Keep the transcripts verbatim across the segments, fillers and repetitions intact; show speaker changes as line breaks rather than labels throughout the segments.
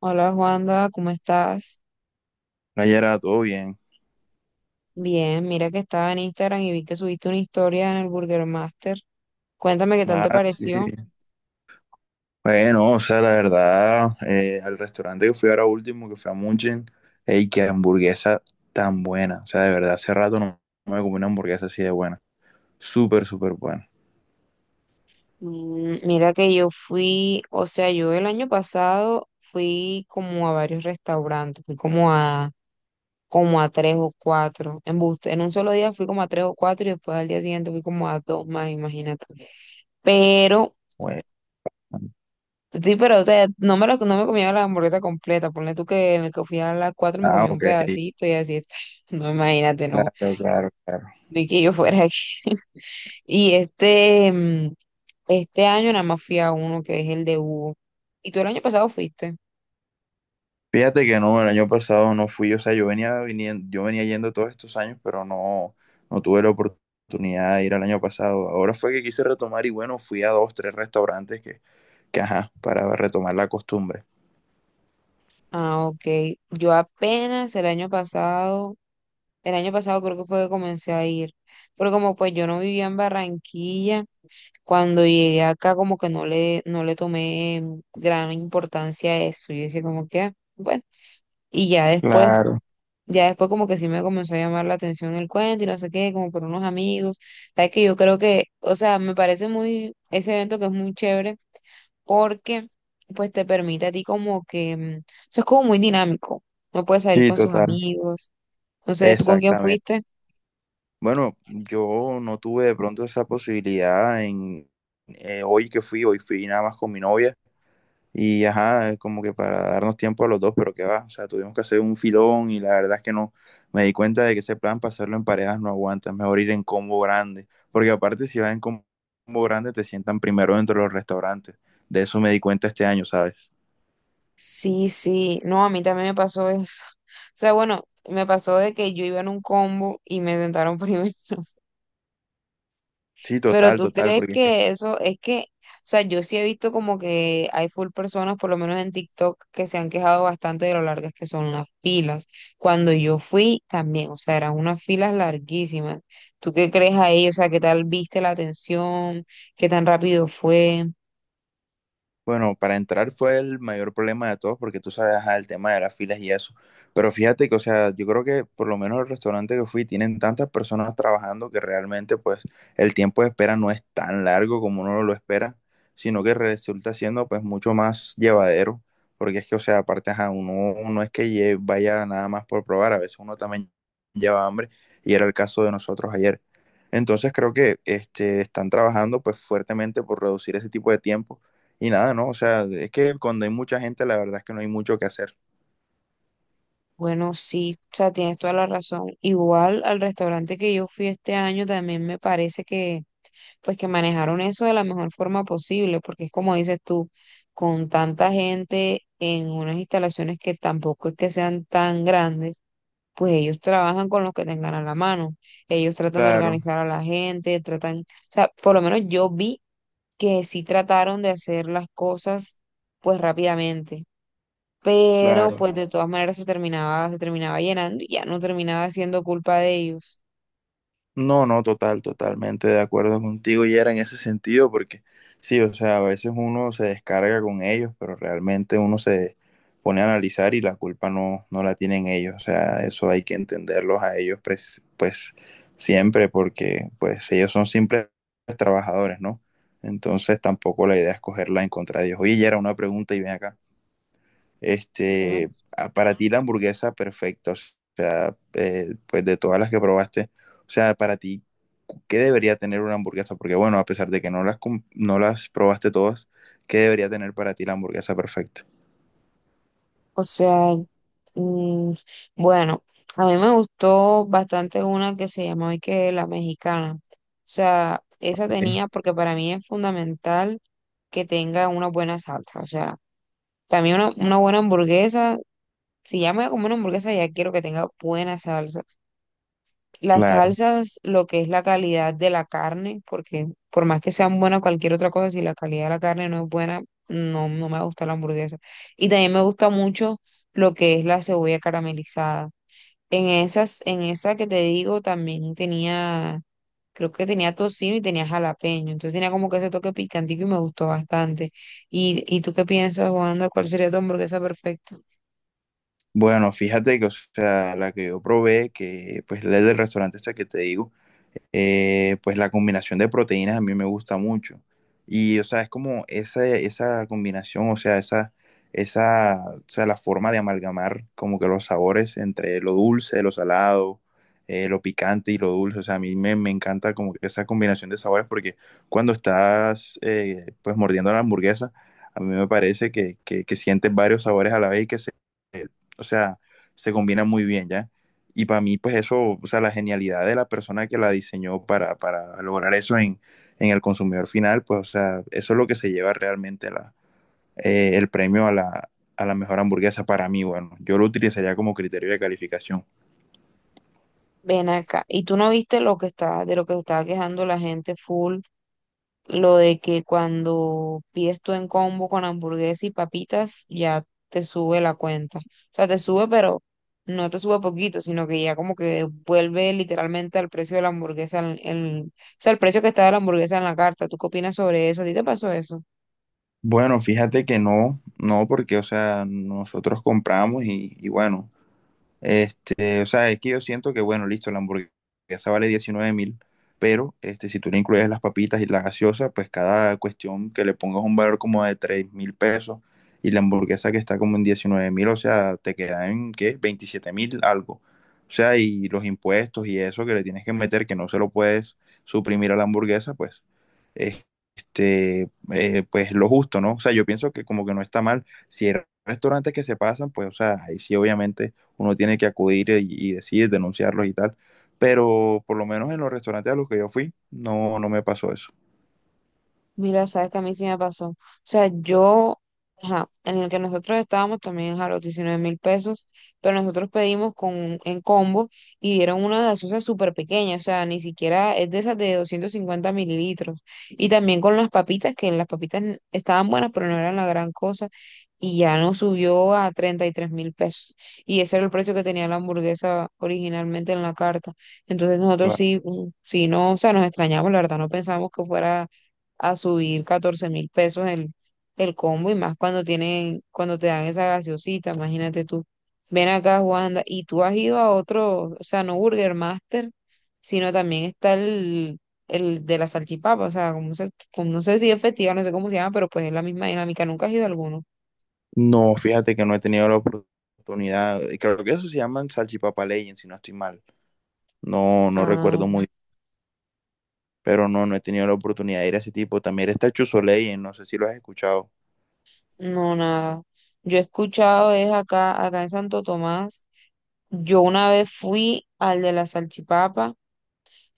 Hola Juanda, ¿cómo estás?
Nayera, todo bien.
Bien, mira que estaba en Instagram y vi que subiste una historia en el Burger Master. Cuéntame qué tal te
Ah, sí.
pareció.
Bueno, o sea, la verdad, eh, al restaurante que fui ahora último, que fue a Munchin, ey, qué hamburguesa tan buena. O sea, de verdad, hace rato no, no me comí una hamburguesa así de buena. Súper, súper buena.
Mm, Mira que yo fui, o sea, yo el año pasado fui como a varios restaurantes, fui como a, como a tres o cuatro. En, en un solo día fui como a tres o cuatro y después al día siguiente fui como a dos más, imagínate. Pero
Bueno.
sí, pero o sea, no me, lo, no me comía la hamburguesa completa. Ponle tú que en el que fui a las cuatro me
Ah,
comí un
OK.
pedacito y así está. No, imagínate, no.
Claro, claro, claro.
Ni que yo fuera aquí. Y este, mm, este año nada más fui a uno que es el de Hugo. ¿Y tú el año pasado fuiste?
Fíjate que no, el año pasado no fui, o sea, yo venía viniendo, yo venía yendo todos estos años, pero no, no tuve la oportunidad de ir al año pasado. Ahora fue que quise retomar y bueno, fui a dos, tres restaurantes que que, ajá, para retomar la costumbre.
Ah, ok. Yo apenas el año pasado, el año pasado creo que fue que comencé a ir. Pero como pues yo no vivía en Barranquilla. Cuando llegué acá como que no le, no le tomé gran importancia a eso. Yo decía como que: "Ah, bueno, y ya después,
Claro.
ya después como que sí me comenzó a llamar la atención el cuento y no sé qué", como por unos amigos. Sabes que yo creo que, o sea, me parece muy, ese evento que es muy chévere, porque pues te permite a ti como que, mm, o sea, es como muy dinámico. No puedes salir
Sí,
con sus
total.
amigos. No sé, ¿tú con quién
Exactamente.
fuiste?
Bueno, yo no tuve de pronto esa posibilidad en eh, hoy que fui, hoy fui nada más con mi novia y ajá, como que para darnos tiempo a los dos, pero qué va, o sea, tuvimos que hacer un filón y la verdad es que no, me di cuenta de que ese plan para hacerlo en parejas no aguanta, es mejor ir en combo grande, porque aparte si vas en combo grande te sientan primero dentro de los restaurantes, de eso me di cuenta este año, ¿sabes?
Sí, sí, no, a mí también me pasó eso. O sea, bueno, me pasó de que yo iba en un combo y me sentaron primero.
Sí,
Pero
total,
tú
total.
crees
Porque
que eso es que, o sea, yo sí he visto como que hay full personas, por lo menos en TikTok, que se han quejado bastante de lo largas que son las filas. Cuando yo fui también, o sea, eran unas filas larguísimas. ¿Tú qué crees ahí? O sea, ¿qué tal viste la atención? ¿Qué tan rápido fue?
Bueno, para entrar fue el mayor problema de todos porque tú sabes, ajá, el tema de las filas y eso. Pero fíjate que, o sea, yo creo que por lo menos el restaurante que fui tienen tantas personas trabajando que realmente pues el tiempo de espera no es tan largo como uno lo espera, sino que resulta siendo pues mucho más llevadero. Porque es que, o sea, aparte, ajá, uno no es que lle- vaya nada más por probar, a veces uno también lleva hambre y era el caso de nosotros ayer. Entonces creo que este, están trabajando pues fuertemente por reducir ese tipo de tiempo y nada, ¿no? O sea, es que cuando hay mucha gente, la verdad es que no hay mucho que hacer.
Bueno, sí, o sea, tienes toda la razón. Igual al restaurante que yo fui este año también me parece que, pues que manejaron eso de la mejor forma posible, porque es como dices tú, con tanta gente en unas instalaciones que tampoco es que sean tan grandes, pues ellos trabajan con los que tengan a la mano. Ellos tratan de
Claro,
organizar a la gente, tratan, o sea, por lo menos yo vi que sí trataron de hacer las cosas pues rápidamente, pero
claro.
pues de todas maneras se terminaba, se terminaba llenando y ya no terminaba siendo culpa de ellos.
No, no, total, totalmente de acuerdo contigo, y era en ese sentido, porque sí, o sea, a veces uno se descarga con ellos, pero realmente uno se pone a analizar y la culpa no, no la tienen ellos. O sea, eso hay que entenderlos a ellos, pres- pues, siempre, porque pues ellos son simples trabajadores, ¿no? Entonces tampoco la idea es cogerla en contra de ellos. Oye, ya era una pregunta y ven acá.
Dime.
este, a- para ti la hamburguesa perfecta, o sea, eh, pues de todas las que probaste, o sea, para ti, cu- ¿qué debería tener una hamburguesa? Porque bueno, a pesar de que no las, com- no las probaste todas, ¿qué debería tener para ti la hamburguesa perfecta?
O sea, mm, bueno, a mí me gustó bastante una que se llamaba y que la mexicana. O sea, esa
Sí.
tenía, porque para mí es fundamental que tenga una buena salsa. O sea, también una, una buena hamburguesa, si ya me voy a comer una hamburguesa, ya quiero que tenga buena salsa. Las
Claro.
salsas, lo que es la calidad de la carne, porque por más que sean buenas cualquier otra cosa, si la calidad de la carne no es buena, no, no me gusta la hamburguesa. Y también me gusta mucho lo que es la cebolla caramelizada. En esas, en esa que te digo, también tenía, creo que tenía tocino y tenía jalapeño. Entonces tenía como que ese toque picantico y me gustó bastante. ¿Y, y tú qué piensas, Juanda? ¿Cuál sería tu hamburguesa perfecta?
Bueno, fíjate que, o sea, la que yo probé, que pues la del restaurante esta que te digo, eh, pues la combinación de proteínas a mí me gusta mucho. Y, o sea, es como esa, esa combinación, o sea, esa, esa, o sea, la forma de amalgamar como que los sabores entre lo dulce, lo salado, eh, lo picante y lo dulce. O sea, a mí me, me encanta como que esa combinación de sabores porque cuando estás, eh, pues, mordiendo la hamburguesa, a mí me parece que, que, que sientes varios sabores a la vez y que se o sea, se combina muy bien, ¿ya? Y para mí, pues eso, o sea, la genialidad de la persona que la diseñó para, para lograr eso en, en el consumidor final, pues, o sea, eso es lo que se lleva realmente la, eh, el premio a la, a la mejor hamburguesa para mí. Bueno, yo lo utilizaría como criterio de calificación.
Ven acá. ¿Y tú no viste lo que está, de lo que estaba quejando la gente full? Lo de que cuando pides tú en combo con hamburguesa y papitas, ya te sube la cuenta. O sea, te sube, pero no te sube poquito, sino que ya como que vuelve literalmente al precio de la hamburguesa, el, el- o sea, el precio que está de la hamburguesa en la carta. ¿Tú qué opinas sobre eso? ¿A ti te pasó eso?
Bueno, fíjate que no, no, porque, o sea, nosotros compramos y, y bueno. Este, o sea, es que yo siento que, bueno, listo, la hamburguesa vale diecinueve mil, pero este, si tú le incluyes las papitas y la gaseosa, pues cada cuestión que le pongas un valor como de tres mil pesos y la hamburguesa que está como en diecinueve mil, o sea, te queda en, ¿qué? Veintisiete mil algo. O sea, y los impuestos y eso que le tienes que meter, que no se lo puedes suprimir a la hamburguesa, pues, eh, este, eh, pues lo justo, ¿no? O sea, yo pienso que como que no está mal. Si hay restaurantes que se pasan, pues, o sea, ahí sí, obviamente uno tiene que acudir y, y decir, denunciarlos y tal. Pero por lo menos en los restaurantes a los que yo fui, no, no me pasó eso.
Mira, sabes que a mí sí me pasó. O sea, yo, ajá, en el que nosotros estábamos también a los diecinueve mil pesos, pero nosotros pedimos con, en combo y dieron una gaseosa súper pequeña, o sea, ni siquiera es de esas de doscientos cincuenta mililitros. Y también con las papitas, que las papitas n- estaban buenas, pero no eran la gran cosa, y ya nos subió a treinta y tres mil pesos. Y ese era el precio que tenía la hamburguesa originalmente en la carta. Entonces nosotros
Claro.
sí, mm, sí, no, o sea, nos extrañamos, la verdad, no pensamos que fuera a subir catorce mil pesos el, el combo, y más cuando tienen, cuando te dan esa gaseosita, imagínate tú. Ven acá, Juanda, y tú has ido a otro, o sea, no Burger Master, sino también está el, el de la salchipapa, o sea, como se- como no sé si es festival, no sé cómo se llama, pero pues es la misma dinámica, nunca has ido a alguno.
No, fíjate que no he tenido la oportunidad. Creo que eso se llaman salchipapa legend, si no estoy mal. No, no recuerdo
Ah,
muy bien, pero no, no he tenido la oportunidad de ir a ese tipo. También está Chuzo Legend, no sé si lo has escuchado.
no, nada. Yo he escuchado es acá, acá en Santo Tomás. Yo una vez fui al de la salchipapa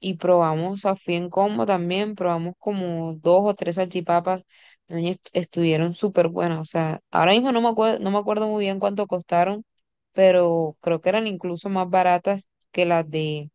y probamos, a fui en combo también, probamos como dos o tres salchipapas, doña, est- estuvieron súper buenas, o sea, ahora mismo no me acuerdo, no me acuerdo muy bien cuánto costaron, pero creo que eran incluso más baratas que las de,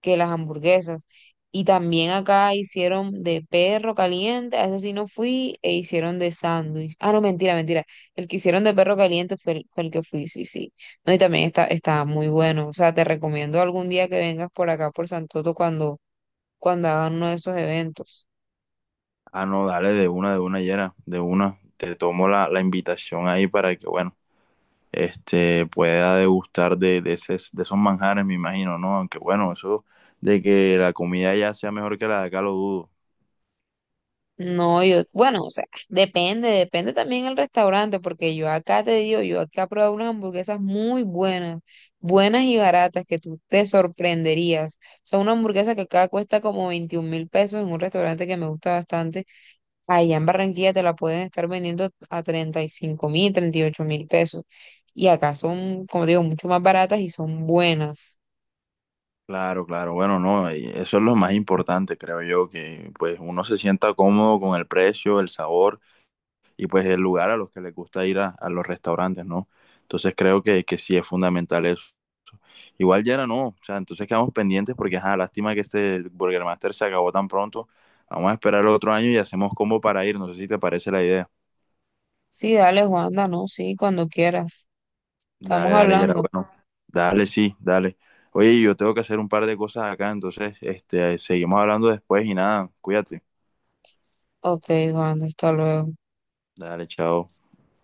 que las hamburguesas. Y también acá hicieron de perro caliente, a ese sí no fui, e hicieron de sándwich. Ah, no, mentira, mentira. El que hicieron de perro caliente fue el, fue el que fui, sí, sí. No, y también está, está muy bueno. O sea, te recomiendo algún día que vengas por acá, por Santoto, cuando, cuando hagan uno de esos eventos.
Ah, no, dale de una, de una, Yera, de una. Te tomo la, la invitación ahí para que, bueno. este, pueda degustar de, de, ese- de esos manjares, me imagino, ¿no? Aunque bueno, eso de que la comida ya sea mejor que la de acá lo dudo.
No, yo, bueno, o sea, depende, depende también el restaurante, porque yo acá te digo, yo acá he probado unas hamburguesas muy buenas, buenas y baratas, que tú te sorprenderías. O sea, una hamburguesa que acá cuesta como veintiún mil pesos en un restaurante que me gusta bastante, allá en Barranquilla te la pueden estar vendiendo a treinta y cinco mil, treinta y ocho mil pesos. Y acá son, como digo, mucho más baratas y son buenas.
Claro, claro, bueno, no, y eso es lo más importante, creo yo, que pues uno se sienta cómodo con el precio, el sabor y pues el lugar a los que les gusta ir a, a los restaurantes, ¿no? Entonces creo que, que sí es fundamental eso. Igual ya era no, o sea, entonces quedamos pendientes porque, ajá, lástima que este Burger Master se acabó tan pronto. Vamos a esperar el otro año y hacemos combo para ir, no sé si te parece la idea.
Sí, dale, Juanda, no, sí, cuando quieras. Estamos
Dale, dale, ya era
hablando.
bueno. Dale, sí, dale. Oye, yo tengo que hacer un par de cosas acá, entonces, este, seguimos hablando después y nada, cuídate.
Ok, Juan, hasta luego.
Dale, chao.